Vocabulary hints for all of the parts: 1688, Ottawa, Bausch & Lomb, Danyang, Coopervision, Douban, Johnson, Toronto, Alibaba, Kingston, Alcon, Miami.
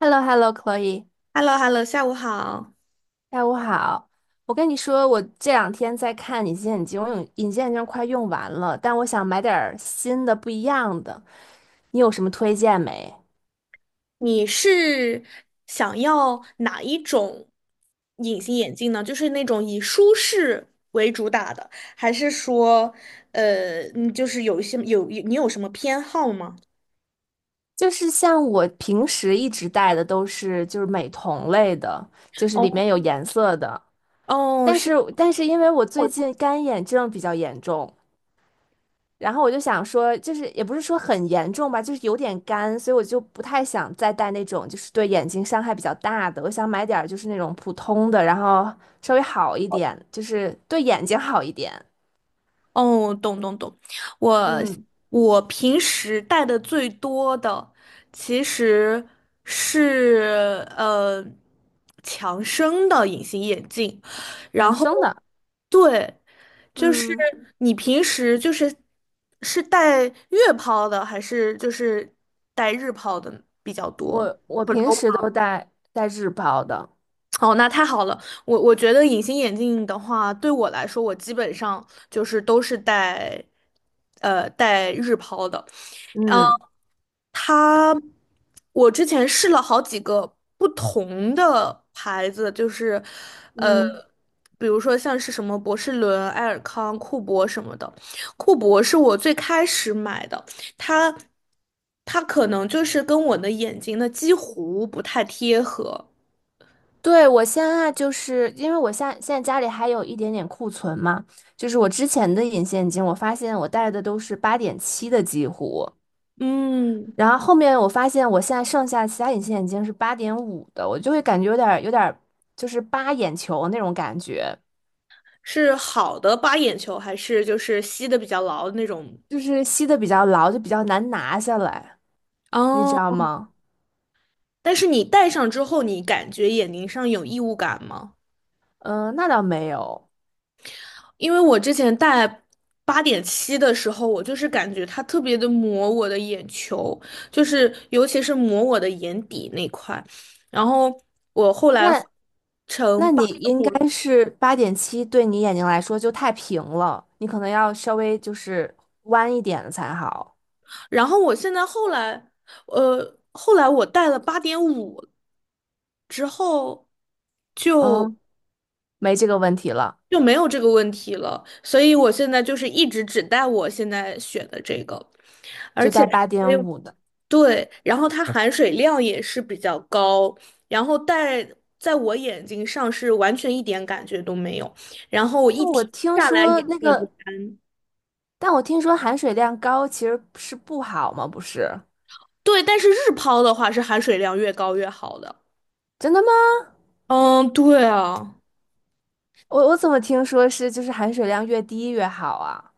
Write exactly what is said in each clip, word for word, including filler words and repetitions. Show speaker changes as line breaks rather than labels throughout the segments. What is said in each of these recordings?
h e l l o h e l l o c h l o e
h e l l o h e l l o 下午好。
下午好。我跟你说，我这两天在看隐形眼镜，我用隐形眼镜快用完了，但我想买点儿新的、不一样的。你有什么推荐没？
你是想要哪一种隐形眼镜呢？就是那种以舒适为主打的，还是说，呃，嗯就是有一些有你有什么偏好吗？
就是像我平时一直戴的都是就是美瞳类的，就是
哦
里面有颜色的。
哦，
但是
是。
但是因为我最近干眼症比较严重，然后我就想说，就是也不是说很严重吧，就是有点干，所以我就不太想再戴那种就是对眼睛伤害比较大的。我想买点儿就是那种普通的，然后稍微好一点，就是对眼睛好一点，
哦，懂懂懂，我
嗯，
我平时戴的最多的其实是呃强生的隐形眼镜，然
养
后
生的。
对，就是
嗯，
你平时就是是戴月抛的还是就是戴日抛的比较多，
我我
或者
平
欧
时都戴戴日抛的，
哦，那太好了。我我觉得隐形眼镜的话，对我来说，我基本上就是都是戴，呃，戴日抛的。嗯，
嗯
它，我之前试了好几个不同的牌子，就是，呃，
嗯。
比如说像是什么博士伦、爱尔康、库博什么的。库博是我最开始买的，它，它可能就是跟我的眼睛的几乎不太贴合。
对，我现在就是因为我现在现在家里还有一点点库存嘛，就是我之前的隐形眼镜，我发现我戴的都是八点七的几乎。
嗯。
然后后面我发现我现在剩下其他隐形眼镜是八点五的，我就会感觉有点儿有点儿就是扒眼球那种感觉，
是好的八眼球，还是就是吸的比较牢的那种？
就是吸的比较牢，就比较难拿下来，你知
哦，
道吗？
但是你戴上之后，你感觉眼睛上有异物感吗？
嗯、那倒没有，
因为我之前戴八点七的时候，我就是感觉它特别的磨我的眼球，就是尤其是磨我的眼底那块。然后我后来换
那
成
那你
八点
应
五，
该是八点七，对你眼睛来说就太平了，你可能要稍微就是弯一点的才好。
然后我现在后来，呃，后来我戴了八点五之后就。
嗯，没这个问题了，
就没有这个问题了，所以我现在就是一直只带我现在选的这个，而
就
且
戴
它
八
还
点
有
五的。
对，然后它含水量也是比较高，然后戴在我眼睛上是完全一点感觉都没有，然后我
那
一
我
天
听
下来眼
说
睛
那
也不
个，
干。
但我听说含水量高其实是不好吗？不是？
对，但是日抛的话是含水量越高越好的。
真的吗？
嗯，对啊。
我我怎么听说是就是含水量越低越好啊？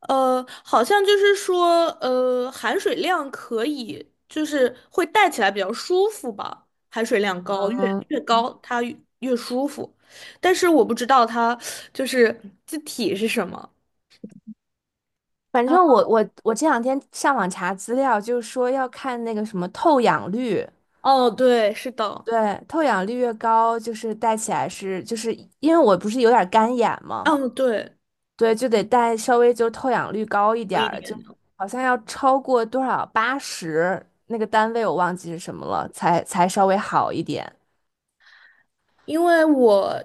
呃，好像就是说，呃，含水量可以，就是会戴起来比较舒服吧。含水量高，越
嗯，
越高它越越舒服。但是我不知道它就是字体是什么。
反
啊
正我我我这两天上网查资料，就是说要看那个什么透氧率，
哦，对，是的，
对，透氧率越高，就是戴起来是就是因为我不是有点干眼嘛，
嗯，对，
对，就得戴稍微就透氧率高一
有
点
一点。
儿，就好像要超过多少八十那个单位我忘记是什么了，才才稍微好一点。
因为我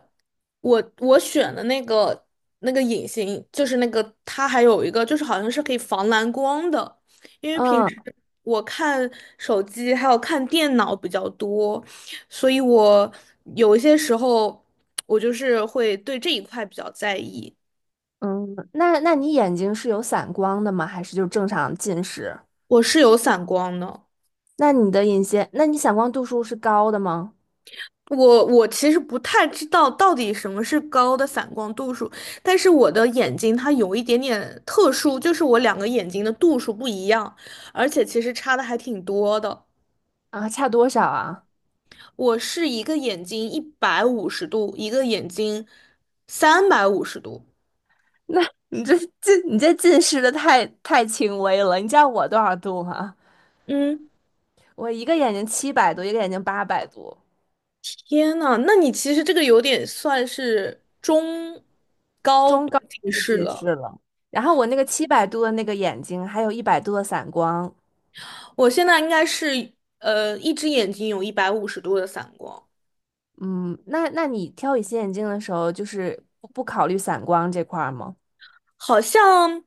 我我选的那个那个隐形，就是那个它还有一个就是好像是可以防蓝光的，因为平
嗯，
时我看手机还有看电脑比较多，所以我有一些时候我就是会对这一块比较在意。
嗯，那那你眼睛是有散光的吗？还是就正常近视？
我是有散光的。
那你的隐形，那你散光度数是高的吗？
我我其实不太知道到底什么是高的散光度数，但是我的眼睛它有一点点特殊，就是我两个眼睛的度数不一样，而且其实差的还挺多的。
啊，差多少啊？
我是一个眼睛一百五十度，一个眼睛三百五十度。
那你这近你这近视的太太轻微了。你知道我多少度吗？
嗯，
我一个眼睛七百度，一个眼睛八百度，
天呐，那你其实这个有点算是中高
中高
近
度
视
近视
了。
了。然后我那个七百度的那个眼睛，还有一百度的散光。
我现在应该是呃一只眼睛有一百五十度的散光。
嗯，那那你挑隐形眼镜的时候，就是不不考虑散光这块儿吗？
好像，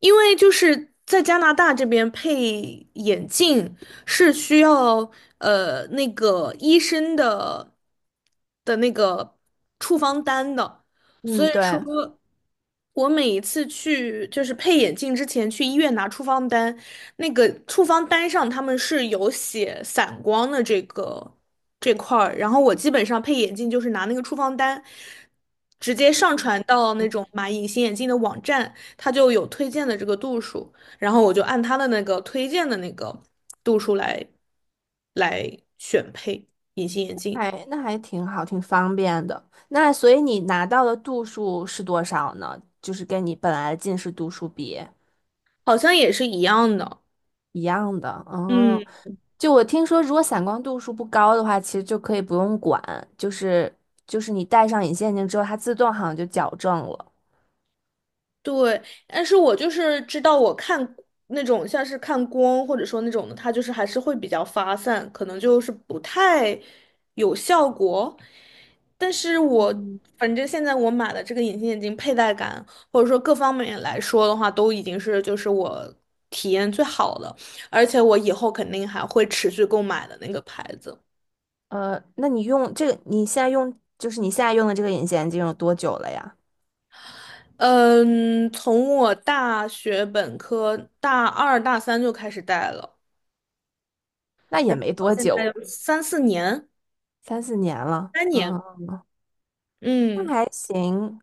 因为就是在加拿大这边配眼镜是需要呃那个医生的的那个处方单的，所
嗯，
以
对。
说我每一次去就是配眼镜之前去医院拿处方单，那个处方单上他们是有写散光的这个这块儿，然后我基本上配眼镜就是拿那个处方单，直接上传到那种买隐形眼镜的网站，它就有推荐的这个度数，然后我就按它的那个推荐的那个度数来来选配隐形眼镜，
哎，那还挺好，挺方便的。那所以你拿到的度数是多少呢？就是跟你本来的近视度数比
好像也是一样的。
一样的。
嗯。
哦，就我听说，如果散光度数不高的话，其实就可以不用管，就是就是你戴上隐形眼镜之后，它自动好像就矫正了。
对，但是我就是知道，我看那种像是看光或者说那种的，它就是还是会比较发散，可能就是不太有效果。但是我反正现在我买的这个隐形眼镜佩戴感，或者说各方面来说的话，都已经是就是我体验最好的，而且我以后肯定还会持续购买的那个牌子。
呃，那你用这个，你现在用就是你现在用的这个隐形眼镜有多久了呀？
嗯，从我大学本科大二大三就开始戴了。
那也
然
没
后
多
现在
久，
有三四年，
三四年了。
三年，
嗯，那
嗯，
还行。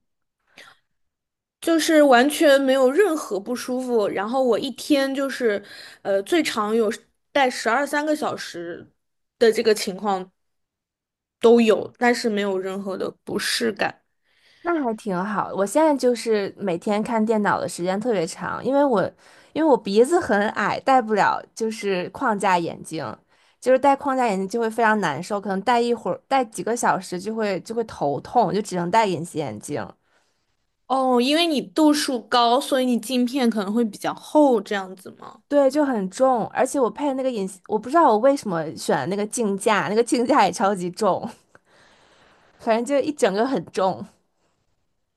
就是完全没有任何不舒服。然后我一天就是，呃，最长有带十二三个小时的这个情况都有，但是没有任何的不适感。
那还挺好。我现在就是每天看电脑的时间特别长，因为我因为我鼻子很矮，戴不了就是框架眼镜，就是戴框架眼镜就会非常难受，可能戴一会儿，戴几个小时就会就会头痛，就只能戴隐形眼镜。
哦，因为你度数高，所以你镜片可能会比较厚，这样子吗？
对，就很重，而且我配的那个隐形，我不知道我为什么选的那个镜架，那个镜架也超级重，反正就一整个很重。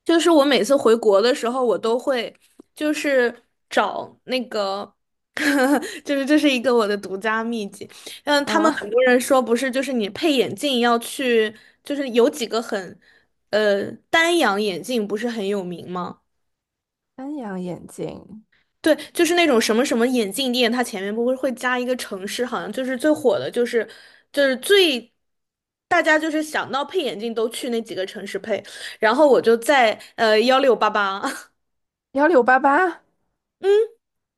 就是我每次回国的时候，我都会就是找那个，就是这是一个我的独家秘籍。嗯，他们
嗯，
很多人说不是，就是你配眼镜要去，就是有几个很，呃，丹阳眼镜不是很有名吗？
三阳眼镜，
对，就是那种什么什么眼镜店，它前面不会会加一个城市，好像就是最火的，就是就是最大家就是想到配眼镜都去那几个城市配。然后我就在呃幺六八八
幺六八八。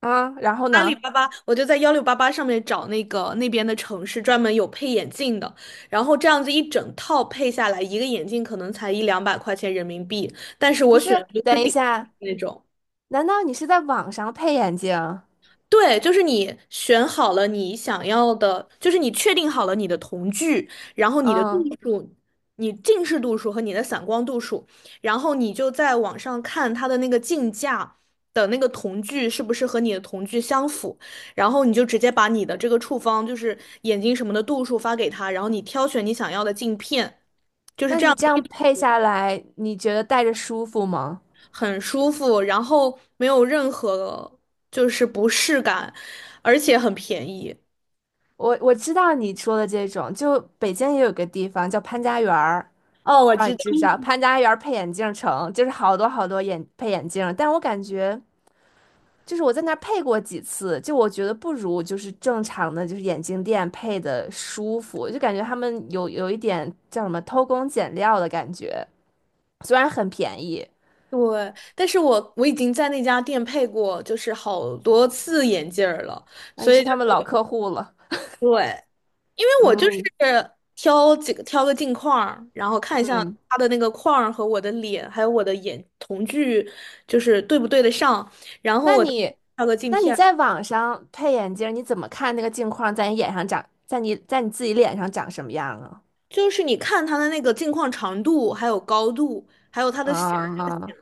啊，然后
阿里
呢？
巴巴，我就在幺六八八上面找那个那边的城市专门有配眼镜的，然后这样子一整套配下来，一个眼镜可能才一两百块钱人民币，但是我
不
选
是，
的就
等
是
一
顶
下，
那种。
难道你是在网上配眼镜？
对，就是你选好了你想要的，就是你确定好了你的瞳距，然后你的度
嗯，
数，你近视度数和你的散光度数，然后你就在网上看它的那个镜架的那个瞳距是不是和你的瞳距相符，然后你就直接把你的这个处方，就是眼睛什么的度数发给他，然后你挑选你想要的镜片，
那你这样配下来，你觉得戴着舒服吗？
很舒服，然后没有任何就是不适感，而且很便宜。
我我知道你说的这种，就北京也有个地方叫潘家园儿，
哦，我
不知道你
知道。
知不知道？潘家园儿配眼镜城，就是好多好多眼配眼镜儿但我感觉就是我在那儿配过几次，就我觉得不如就是正常的就是眼镜店配的舒服，就感觉他们有有一点叫什么偷工减料的感觉，虽然很便宜，
对，但是我我已经在那家店配过，就是好多次眼镜儿了，
那、
所
你
以
是
就
他们老客户了。
对，因为我就是挑几个挑个镜框儿然后看一下它的那个框儿和我的脸，还有我的眼瞳距，就是对不对得上，然后
那
我再
你，
挑个镜
那你
片儿
在网上配眼镜儿你怎么看那个镜框在你眼上长，在你在你自己脸上长什么样啊？
就是你看它的那个镜框长度，还有高度，还有它的显。
啊，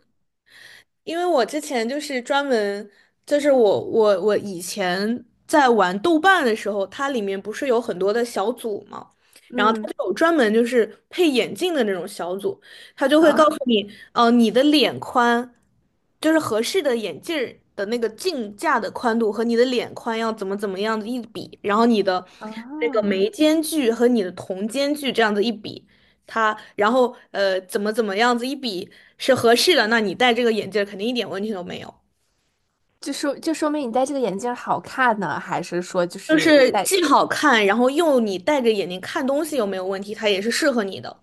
因为我之前就是专门，就是我我我以前在玩豆瓣的时候，它里面不是有很多的小组嘛，然后它
嗯
就有专门就是配眼镜的那种小组，它就会告
啊
诉你，呃，你的脸宽，就是合适的眼镜儿的那个镜架的宽度和你的脸宽要怎么怎么样子一比，然后你的
啊，
那个眉间距和你的瞳间距这样子一比。它，然后呃怎么怎么样子一比是合适的，那你戴这个眼镜儿肯定一点问题都没有。
就说就说明你戴这个眼镜儿好看呢，还是说就
就
是
是
戴？
既好看，然后又你戴着眼睛看东西又没有问题，它也是适合你的。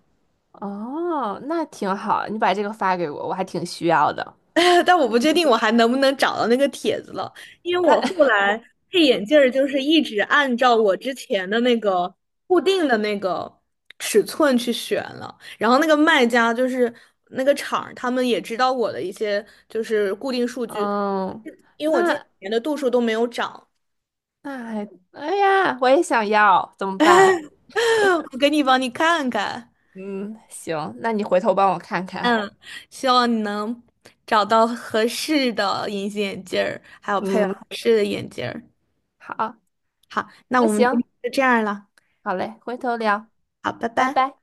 哦，那挺好，你把这个发给我，我还挺需要的。
但我不确定我还能不能找到那个帖子了，因为我
那
后来配眼镜儿就是一直按照我之前的那个固定的那个尺寸去选了，然后那个卖家就是那个厂儿他们也知道我的一些就是固定数 据，
嗯，
因为我近几
那
年的度数都没有涨。
那还，哎呀，我也想要，怎么办？
我给你帮你看看，
嗯，行，那你回头帮我看看。
嗯，希望你能找到合适的隐形眼镜儿，还有配合
嗯，
合适的眼镜儿。
好，
好，那
那
我们今
行。
天就这样了。
好嘞，回头聊，
好，拜
拜
拜。
拜。